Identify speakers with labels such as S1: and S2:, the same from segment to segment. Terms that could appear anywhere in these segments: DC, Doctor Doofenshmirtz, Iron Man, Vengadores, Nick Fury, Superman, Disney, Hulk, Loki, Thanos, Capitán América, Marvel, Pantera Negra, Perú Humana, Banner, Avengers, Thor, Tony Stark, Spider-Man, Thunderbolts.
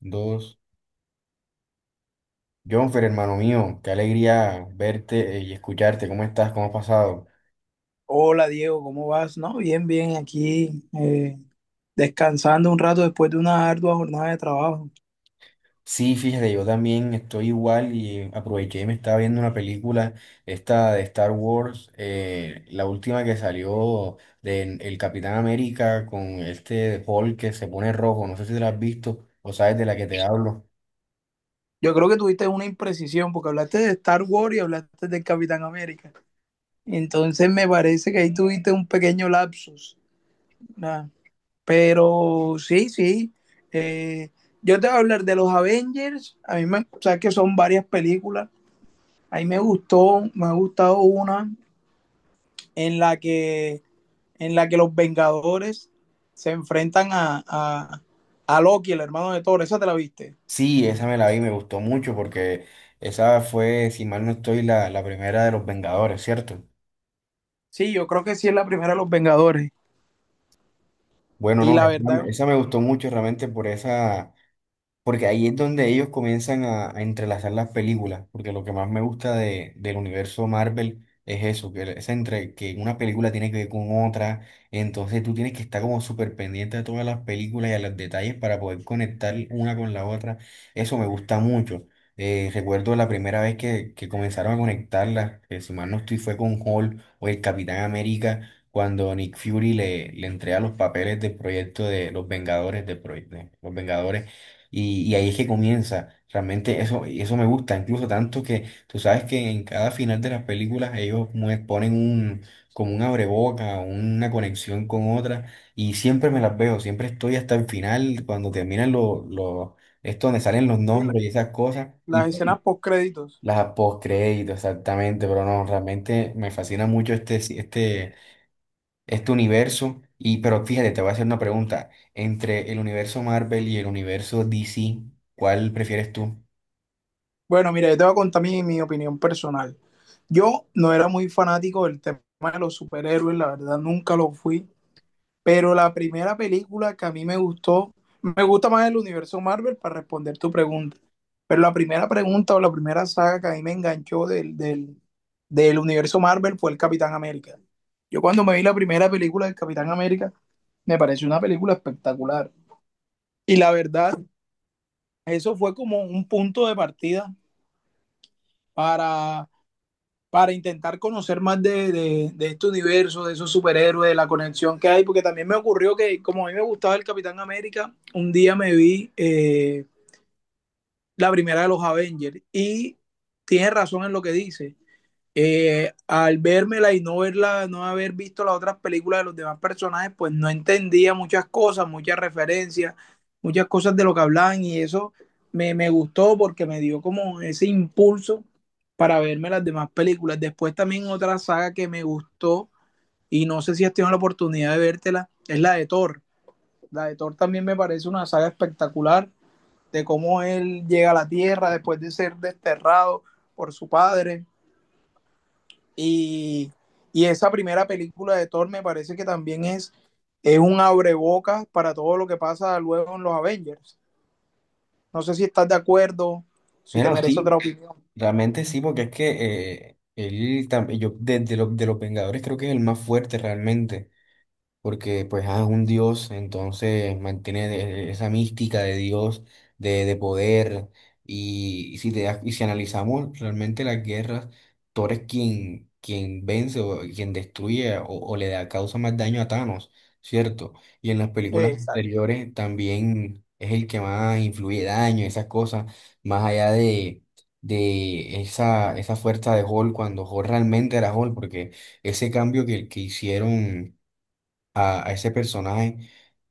S1: Dos. Jonfer, hermano mío, qué alegría verte y escucharte. ¿Cómo estás? ¿Cómo has pasado?
S2: Hola Diego, ¿cómo vas? No, bien, bien, aquí descansando un rato después de una ardua jornada de trabajo.
S1: Sí, fíjate, yo también estoy igual y aproveché y me estaba viendo una película, esta de Star Wars, la última que salió del el Capitán América con este Hulk que se pone rojo. No sé si te la has visto o sabes de la que te hablo.
S2: Yo creo que tuviste una imprecisión porque hablaste de Star Wars y hablaste del Capitán América. Entonces me parece que ahí tuviste un pequeño lapsus. Nada. Pero sí, sí. eh, yo te voy a hablar de los Avengers. A mí me, o sea, que son varias películas. A mí me gustó, me ha gustado una en la que en la que los Vengadores se enfrentan a Loki, el hermano de Thor. ¿Esa te la viste?
S1: Sí, esa me la vi, me gustó mucho porque esa fue, si mal no estoy, la primera de los Vengadores, ¿cierto?
S2: Sí, yo creo que sí es la primera de los Vengadores.
S1: Bueno,
S2: Y
S1: no,
S2: la verdad,
S1: esa me gustó mucho realmente por esa, porque ahí es donde ellos comienzan a entrelazar las películas, porque lo que más me gusta de, del universo Marvel es eso, que, es entre, que una película tiene que ver con otra, entonces tú tienes que estar como súper pendiente de todas las películas y a los detalles para poder conectar una con la otra, eso me gusta mucho. Recuerdo la primera vez que comenzaron a conectarlas, que si mal no estoy fue con Hulk o el Capitán América, cuando Nick Fury le, le entrega los papeles del proyecto de los Vengadores, del proyecto, los Vengadores y ahí es que comienza. Realmente eso, eso me gusta, incluso tanto que tú sabes que en cada final de las películas ellos ponen un, como un abreboca, una conexión con otra, y siempre me las veo, siempre estoy hasta el final, cuando terminan los, esto donde salen los
S2: y la-
S1: nombres y esas cosas, y
S2: las
S1: ¡pum!
S2: escenas post créditos.
S1: Las postcréditos, exactamente, pero no, realmente me fascina mucho este, este, este universo. Y, pero fíjate, te voy a hacer una pregunta. Entre el universo Marvel y el universo DC, ¿cuál prefieres tú?
S2: Bueno, mira, yo te voy a contar mi opinión personal. Yo no era muy fanático del tema de los superhéroes, la verdad nunca lo fui. Pero la primera película que a mí me gustó, me gusta más el universo Marvel para responder tu pregunta. Pero la primera pregunta o la primera saga que a mí me enganchó del universo Marvel fue el Capitán América. Yo cuando me vi la primera película del Capitán América, me pareció una película espectacular. Y la verdad, eso fue como un punto de partida para para intentar conocer más este universo, de esos superhéroes, de la conexión que hay, porque también me ocurrió que como a mí me gustaba el Capitán América, un día me vi la primera de los Avengers y tiene razón en lo que dice al vérmela y no verla, no haber visto las otras películas de los demás personajes, pues no entendía muchas cosas, muchas referencias, muchas cosas de lo que hablaban y eso me, me gustó porque me dio como ese impulso para verme las demás películas. Después también otra saga que me gustó y no sé si has tenido la oportunidad de vértela, es la de Thor. La de Thor también me parece una saga espectacular de cómo él llega a la Tierra después de ser desterrado por su padre y, y esa primera película de Thor me parece que también es un abrebocas para todo lo que pasa luego en los Avengers. No sé si estás de acuerdo, si te
S1: Bueno,
S2: merece
S1: sí,
S2: otra opinión.
S1: realmente sí, porque es que yo de los Vengadores creo que es el más fuerte realmente. Porque pues es un Dios, entonces mantiene esa mística de Dios, de poder, y y si analizamos realmente las guerras, Thor es quien, quien vence o quien destruye o le da, causa más daño a Thanos, ¿cierto? Y en las películas sí,
S2: Exacto.
S1: anteriores también es el que más influye daño, esas cosas, más allá de esa, esa fuerza de Hulk cuando Hulk realmente era Hulk, porque ese cambio que hicieron a ese personaje.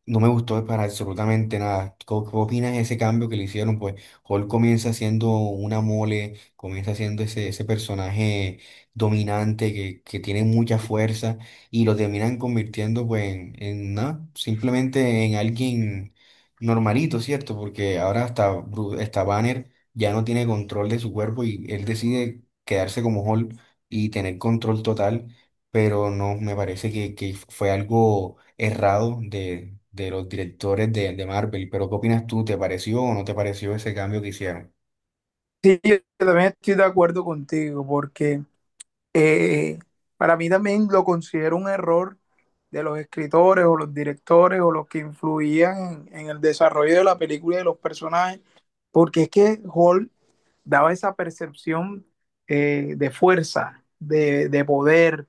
S1: No me gustó para absolutamente nada. ¿Qué, qué opinas de ese cambio que le hicieron? Pues Hulk comienza siendo una mole, comienza siendo ese, ese personaje dominante que tiene mucha fuerza y lo terminan convirtiendo pues en nada, simplemente en alguien normalito, ¿cierto? Porque ahora hasta, hasta Banner ya no tiene control de su cuerpo y él decide quedarse como Hulk y tener control total, pero no, me parece que fue algo errado de los directores de Marvel. Pero ¿qué opinas tú? ¿Te pareció o no te pareció ese cambio que hicieron?
S2: Sí, yo también estoy de acuerdo contigo, porque eh, para mí también lo considero un error de los escritores o los directores o los que influían en el desarrollo de la película y de los personajes, porque es que Hulk daba esa percepción de fuerza, de poder,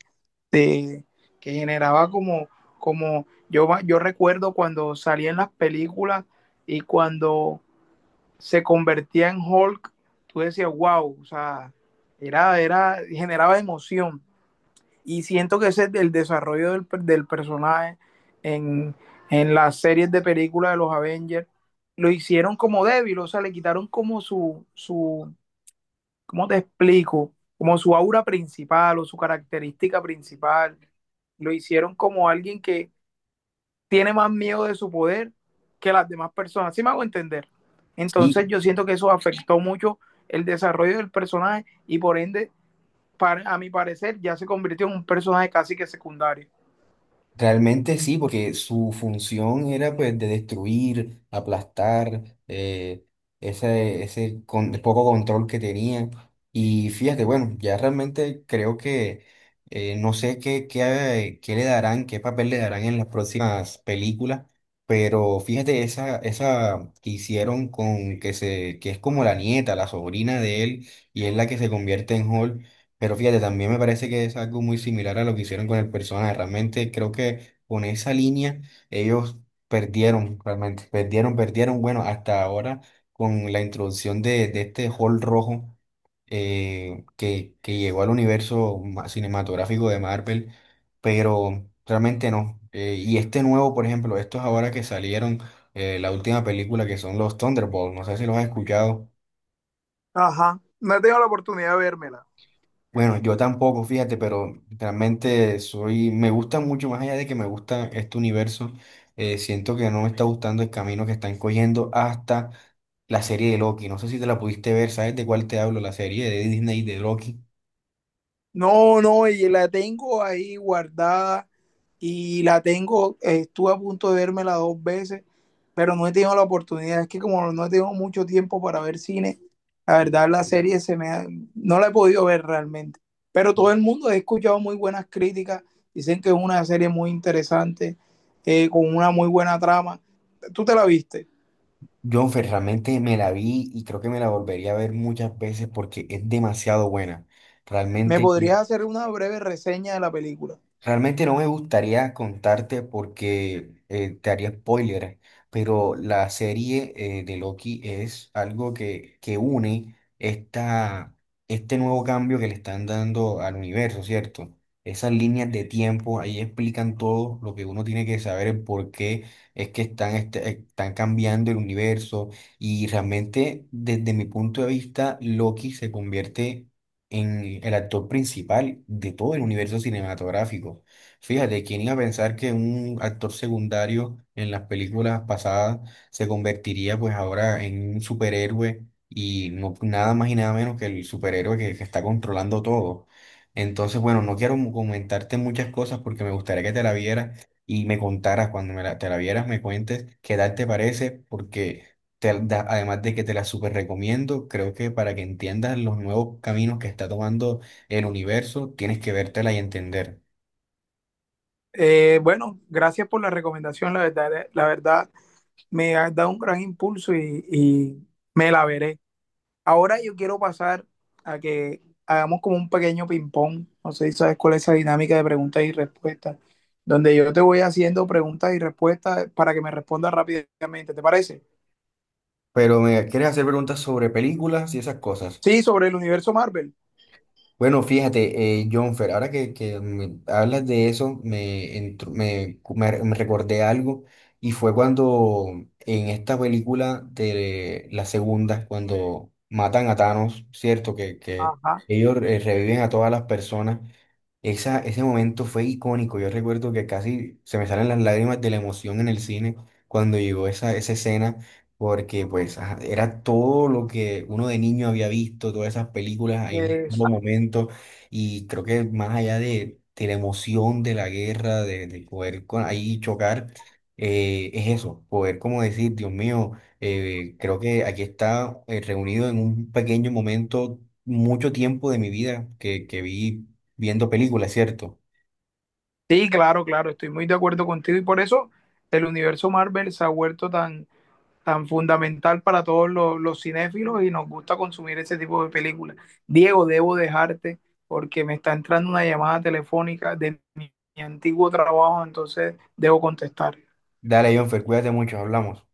S2: de, que generaba como, como yo recuerdo cuando salía en las películas y cuando se convertía en Hulk, tú decías, wow, o sea, era, era, generaba emoción. Y siento que ese es el desarrollo del personaje en, en las series de películas de los Avengers. Lo hicieron como débil, o sea, le quitaron como ¿cómo te explico? Como su aura principal o su característica principal, lo hicieron como alguien que tiene más miedo de su poder que las demás personas. ¿Sí me hago entender?
S1: Sí.
S2: Entonces yo siento que eso afectó mucho el desarrollo del personaje y por ende, a mi parecer, ya se convirtió en un personaje casi que secundario.
S1: Realmente sí, porque su función era pues de destruir, aplastar, ese, poco control que tenía. Y fíjate, bueno, ya realmente creo que no sé qué, qué, qué le darán, qué papel le darán en las próximas películas, pero fíjate esa, esa que hicieron con que se, que es como la nieta, la sobrina de él, y es la que se convierte en Hulk. Pero fíjate, también me parece que es algo muy similar a lo que hicieron con el personaje. Realmente creo que con esa línea ellos perdieron, realmente, perdieron, perdieron. Bueno, hasta ahora con la introducción de este Hall rojo que llegó al universo cinematográfico de Marvel, pero realmente no. Y este nuevo, por ejemplo, estos ahora que salieron, la última película que son los Thunderbolts, no sé si los has escuchado.
S2: Ajá, no he tenido la oportunidad de vérmela.
S1: Bueno, yo tampoco, fíjate, pero realmente soy, me gusta mucho, más allá de que me gusta este universo, siento que no me está gustando el camino que están cogiendo hasta la serie de Loki. No sé si te la pudiste ver, ¿sabes de cuál te hablo? La serie de Disney de Loki.
S2: No, no, y la tengo ahí guardada y la tengo, estuve a punto de vérmela 2 veces, pero no he tenido la oportunidad. Es que como no he tenido mucho tiempo para ver cine, la verdad la serie no la he podido ver realmente. Pero todo el mundo he escuchado muy buenas críticas, dicen que es una serie muy interesante, con una muy buena trama. ¿Tú te la viste?
S1: Yo Fer, realmente me la vi y creo que me la volvería a ver muchas veces porque es demasiado buena.
S2: ¿Me
S1: Realmente
S2: podrías hacer una breve reseña de la película?
S1: realmente no me gustaría contarte porque te haría spoiler, pero la serie de Loki es algo que une esta, este nuevo cambio que le están dando al universo, ¿cierto? Esas líneas de tiempo, ahí explican todo lo que uno tiene que saber, el por qué es que están, están cambiando el universo y realmente desde mi punto de vista, Loki se convierte en el actor principal de todo el universo cinematográfico. Fíjate, ¿quién iba a pensar que un actor secundario en las películas pasadas se convertiría pues ahora en un superhéroe y no, nada más y nada menos que el superhéroe que está controlando todo? Entonces, bueno, no quiero comentarte muchas cosas porque me gustaría que te la vieras y me contaras cuando te la vieras, me cuentes qué tal te parece, porque además de que te la súper recomiendo, creo que para que entiendas los nuevos caminos que está tomando el universo, tienes que vértela y entender.
S2: Bueno, gracias por la recomendación, la verdad, la verdad. Me ha dado un gran impulso y me la veré. Ahora yo quiero pasar a que hagamos como un pequeño ping-pong. No sé si sabes cuál es esa dinámica de preguntas y respuestas, donde yo te voy haciendo preguntas y respuestas para que me respondas rápidamente. ¿Te parece?
S1: Pero me quieres hacer preguntas sobre películas y esas cosas.
S2: Sí, sobre el universo Marvel.
S1: Bueno, fíjate, Jonfer, ahora que me hablas de eso, me, entr- me- me recordé algo y fue cuando en esta película de la segunda, cuando matan a Thanos, ¿cierto? Que
S2: Ajá.
S1: ellos reviven a todas las personas. Esa, ese momento fue icónico. Yo recuerdo que casi se me salen las lágrimas de la emoción en el cine cuando llegó esa, esa escena, porque pues ajá, era todo lo que uno de niño había visto, todas esas películas en un solo
S2: Esa-
S1: momento. Y creo que más allá de la emoción de la guerra, de ahí chocar, es eso, poder como decir, Dios mío, creo que aquí está reunido en un pequeño momento. Mucho tiempo de mi vida que vi viendo películas, cierto.
S2: sí, claro, claro, estoy muy de acuerdo contigo y por eso el universo Marvel se ha vuelto tan tan fundamental para todos los cinéfilos y nos gusta consumir ese tipo de películas. Diego, debo dejarte porque me está entrando una llamada telefónica de mi antiguo trabajo, entonces debo contestar.
S1: Dale, Jonfer, cuídate mucho, hablamos.